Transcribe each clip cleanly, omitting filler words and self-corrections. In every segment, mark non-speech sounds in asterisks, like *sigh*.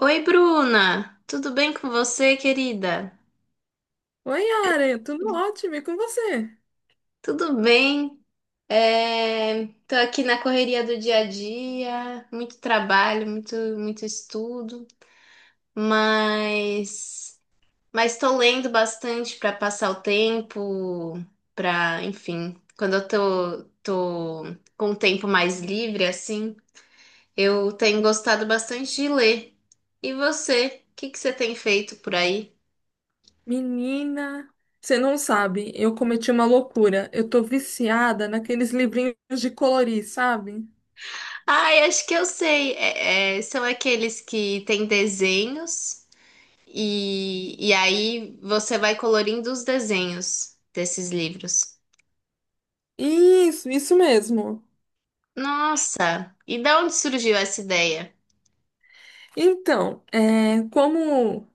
Oi, Bruna! Tudo bem com você, querida? Oi, Yara, tudo ótimo, e com você? Tudo bem? Tô aqui na correria do dia a dia, muito trabalho, muito, muito estudo, mas mas estou lendo bastante para passar o tempo, para, enfim, quando eu tô com o tempo mais livre, assim, eu tenho gostado bastante de ler. E você? O que que você tem feito por aí? Menina, você não sabe, eu cometi uma loucura. Eu tô viciada naqueles livrinhos de colorir, sabe? Ai, acho que eu sei. São aqueles que têm desenhos e aí você vai colorindo os desenhos desses livros. Isso mesmo. Nossa! E da onde surgiu essa ideia? Então, como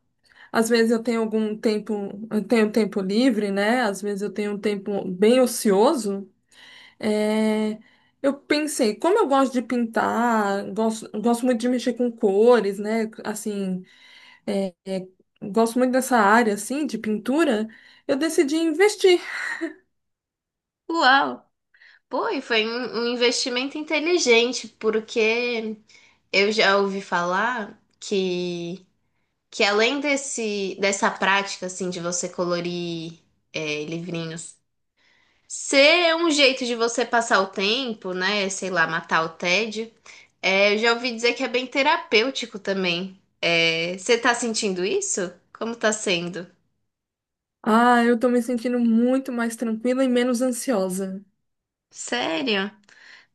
às vezes eu tenho algum tempo, eu tenho tempo livre, né? Às vezes eu tenho um tempo bem ocioso. é, eu pensei, como eu gosto de pintar, gosto muito de mexer com cores, né? Assim, é, é, gosto muito dessa área, assim, de pintura, eu decidi investir. Uau! Pô, e foi um investimento inteligente, porque eu já ouvi falar que além dessa prática assim, de você colorir livrinhos ser um jeito de você passar o tempo, né? Sei lá, matar o tédio. É, eu já ouvi dizer que é bem terapêutico também. É, você tá sentindo isso? Como tá sendo? Ah, eu tô me sentindo muito mais tranquila e menos ansiosa. Sério?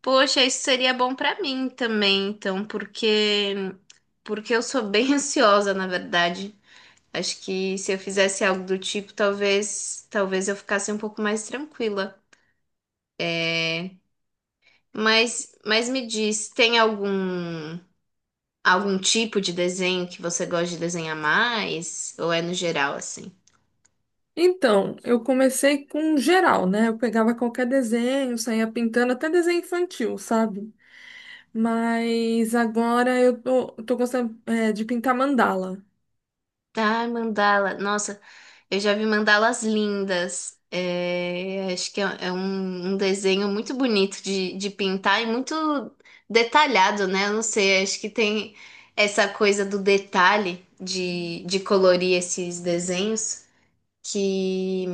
Poxa, isso seria bom pra mim também, então, porque eu sou bem *laughs* ansiosa, na verdade. Acho que se eu fizesse algo do tipo, talvez eu ficasse um pouco mais tranquila. Mas me diz, tem algum tipo de desenho que você gosta de desenhar mais? Ou é no geral assim? Então, eu comecei com geral, né? Eu pegava qualquer desenho, saía pintando, até desenho infantil, sabe? Mas agora eu tô gostando, de pintar mandala. Ah, mandala. Nossa, eu já vi mandalas lindas. É, acho que é um desenho muito bonito de pintar e muito detalhado, né? Eu não sei, acho que tem essa coisa do detalhe de colorir esses desenhos que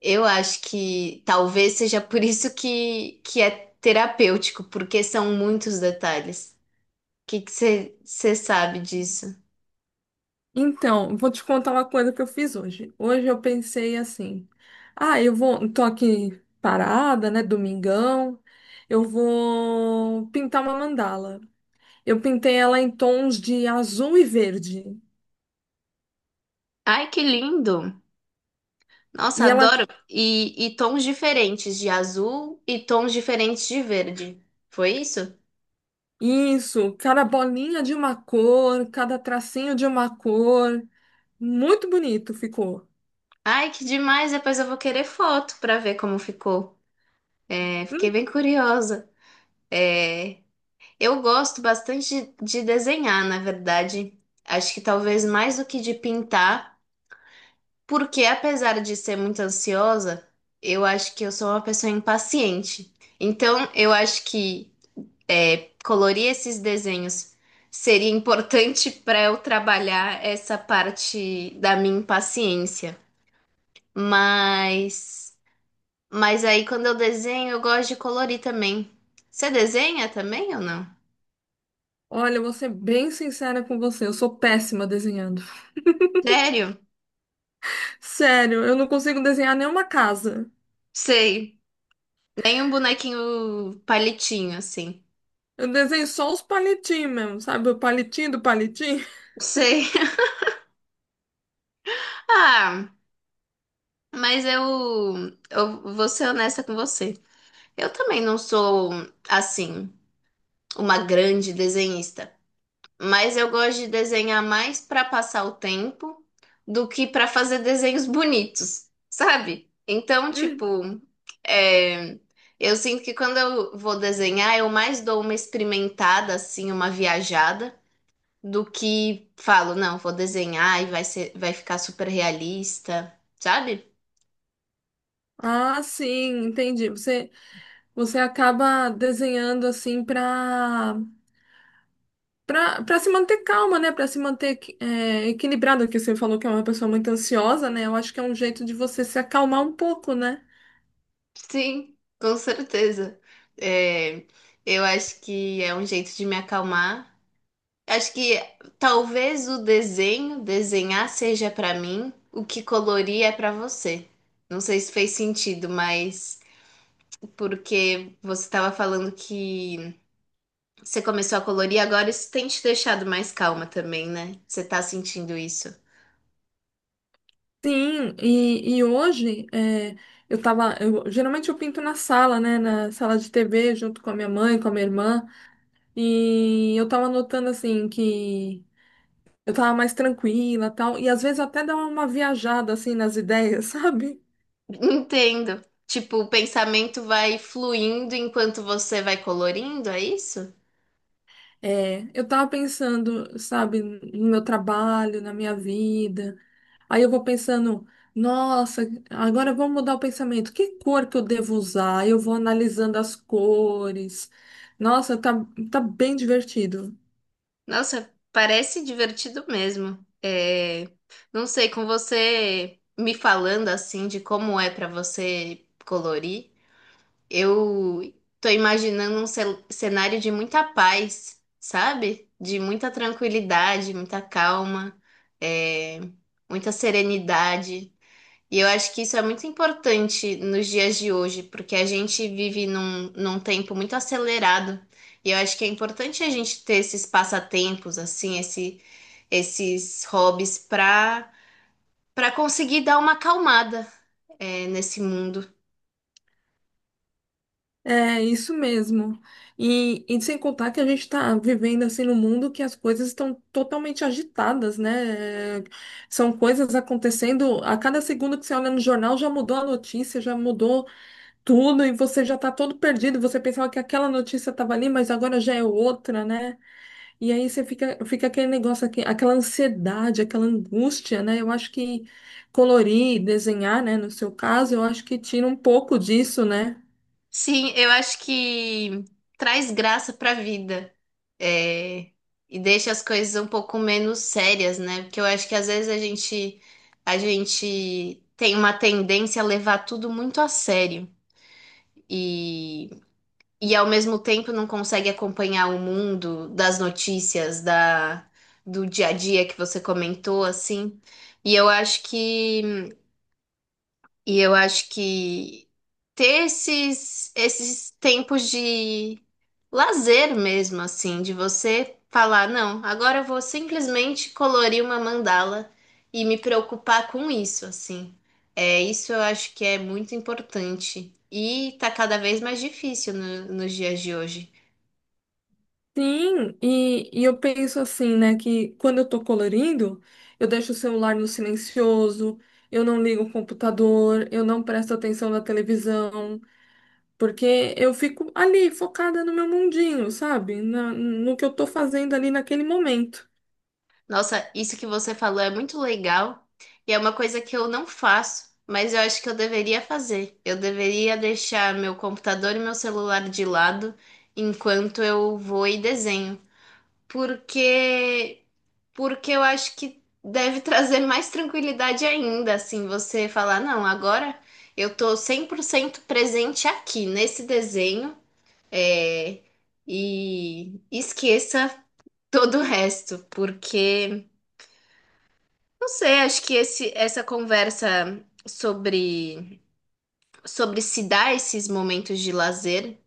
eu acho que talvez seja por isso que é terapêutico, porque são muitos detalhes. Que você sabe disso? Então, vou te contar uma coisa que eu fiz hoje. Hoje eu pensei assim: ah, tô aqui parada, né, domingão, eu vou pintar uma mandala. Eu pintei ela em tons de azul e verde. Ai, que lindo! Nossa, E ela, adoro. E tons diferentes de azul e tons diferentes de verde. Foi isso? isso, cada bolinha de uma cor, cada tracinho de uma cor. Muito bonito ficou. Ai, que demais! Depois eu vou querer foto para ver como ficou. É, fiquei Hum. bem curiosa. É, eu gosto bastante de desenhar, na verdade. Acho que talvez mais do que de pintar, porque apesar de ser muito ansiosa, eu acho que eu sou uma pessoa impaciente. Então, eu acho que colorir esses desenhos seria importante *laughs* para eu trabalhar essa parte da minha impaciência. Mas, mas aí quando eu desenho, eu gosto de colorir também. Você desenha também ou não? Olha, eu vou ser bem sincera com você, eu sou péssima desenhando. Sério? Sério, eu não consigo desenhar nenhuma casa. Sei. Nem um bonequinho palitinho assim. Eu desenho só os palitinhos mesmo, sabe? O palitinho do palitinho. *laughs* Sei. *laughs* Ah, mas eu vou ser honesta com você. Eu também não sou assim uma grande desenhista. Mas eu gosto de desenhar mais para passar o tempo do que para fazer desenhos bonitos, sabe? Então, Hum. tipo, é, eu sinto que quando eu vou desenhar, eu mais dou uma experimentada, assim, uma viajada, do que falo, não, vou desenhar e vai ser, vai ficar super realista, sabe? Ah, sim, entendi. Você acaba desenhando assim pra se manter calma, né? Pra se manter equilibrada, que você falou que é uma pessoa muito ansiosa, né? Eu acho que é um jeito de você se acalmar um pouco, né? Sim, com certeza. É, eu acho que é um jeito de me acalmar. Acho que talvez o desenho, desenhar seja pra mim, o que colorir é pra você. Não sei se fez sentido, mas porque você estava falando que você começou a colorir, agora isso tem te deixado mais calma também, né? Você tá sentindo isso. Sim, e hoje geralmente eu pinto na sala, né? Na sala de TV, junto com a minha mãe, com a minha irmã. E eu tava notando assim que. Eu tava mais tranquila, tal, e às vezes até dá uma viajada assim nas ideias, *laughs* sabe? Entendo. Tipo, o pensamento vai fluindo enquanto você vai colorindo, é isso? É, eu tava pensando, sabe, no meu trabalho, na minha vida. Aí eu vou pensando, nossa, agora eu vou mudar o pensamento. Que cor que eu devo usar? Eu vou analisando as cores. Nossa, tá bem divertido. Nossa, parece divertido mesmo. É, não sei, com você me falando assim de como é pra você colorir, eu tô imaginando um cenário de muita paz, sabe? De muita tranquilidade, muita calma, é, muita serenidade. E eu acho que isso é muito importante nos dias de hoje, porque a gente vive num tempo muito acelerado. E eu acho que é importante a gente ter esses passatempos, assim, esses hobbies para conseguir dar uma acalmada, nesse mundo. É isso mesmo. E sem contar que a gente está vivendo assim num mundo que as coisas estão totalmente agitadas, né? São coisas acontecendo a cada segundo que você olha no jornal já mudou a notícia, já mudou tudo e você já está todo perdido. Você pensava que aquela notícia estava ali, mas agora já é outra, né? E aí você fica aquele negócio aqui, aquela ansiedade, aquela angústia, né? Eu acho que colorir, desenhar, né? No seu caso, eu acho que tira um pouco disso, né? Sim, eu acho que traz graça pra vida. É, e deixa as coisas um pouco menos sérias, né? Porque eu acho que às vezes a gente tem uma tendência a levar tudo muito a sério e e ao mesmo tempo não consegue acompanhar o mundo das notícias da do dia a dia que você comentou assim. E eu acho que e eu acho que ter esses tempos de lazer mesmo, assim, de você falar, não, agora eu vou simplesmente colorir uma mandala e me preocupar com isso, assim. É, isso eu acho que é muito importante. E tá cada vez mais difícil nos dias de hoje. Sim, e eu penso assim, né, que quando eu tô colorindo, eu deixo o celular no silencioso, eu não ligo o computador, eu não presto atenção na televisão, porque eu fico ali focada no meu mundinho, sabe? No que eu tô fazendo ali naquele momento. Nossa, isso que você falou é muito legal e é uma coisa que eu não faço, mas eu acho que eu deveria fazer. Eu deveria deixar meu computador e meu celular de lado enquanto eu vou e desenho, porque porque eu acho que deve *laughs* trazer mais tranquilidade ainda, assim, você falar, não, agora eu tô 100% presente aqui nesse desenho, é, e esqueça todo o resto, porque não sei, acho que essa conversa sobre, sobre se dar esses momentos de lazer,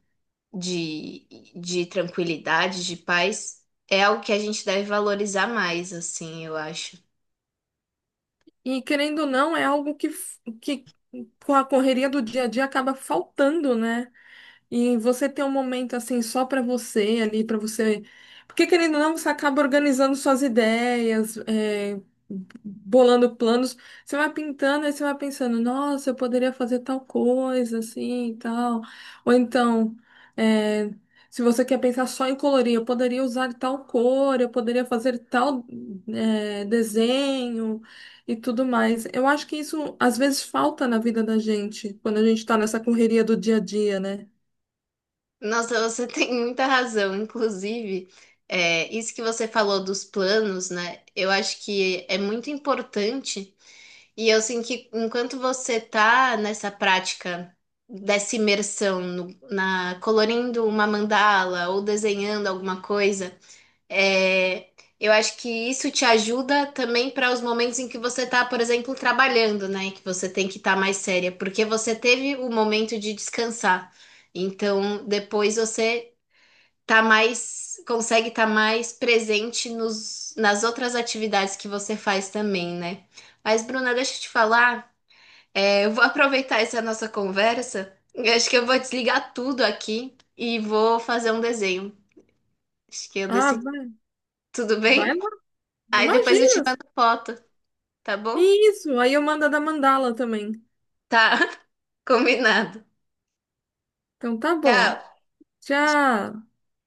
de, de tranquilidade, de paz, é algo que a gente deve valorizar mais, assim, eu acho. E querendo ou não, é algo que, com a correria do dia a dia acaba faltando, né? E você ter um momento assim só para você ali, para você. Porque querendo ou não, você acaba organizando suas ideias, bolando planos. Você vai pintando e você vai pensando, nossa, eu poderia fazer tal coisa, assim e tal. Ou então, é, se você quer pensar só em colorir, eu poderia usar tal cor, eu poderia fazer tal, desenho e tudo mais. Eu acho que isso às vezes falta na vida da gente, quando a gente está nessa correria do dia a dia, né? Nossa, você *laughs* tem muita razão. Inclusive, é, isso que você falou dos planos, né? Eu acho que é muito importante. E eu sinto que enquanto você tá nessa prática dessa imersão na colorindo uma mandala ou desenhando alguma coisa, é, eu acho que isso te ajuda também para os momentos em que você tá, por exemplo, trabalhando, né? Que você tem que estar mais séria, porque você teve o momento de descansar. Então, depois você tá mais, consegue estar mais presente nas outras atividades que você faz também, né? Mas, Bruna, deixa eu te falar. É, eu vou aproveitar essa nossa conversa. Eu acho que eu vou desligar tudo aqui e vou fazer um desenho. Acho que eu Ah, decidi. vai, Tudo vai bem? lá. Aí depois eu te Imagina! mando foto, tá bom? Isso, aí eu mando a da mandala também. Tá, *laughs* combinado. Então tá bom. Tchau. Tchau.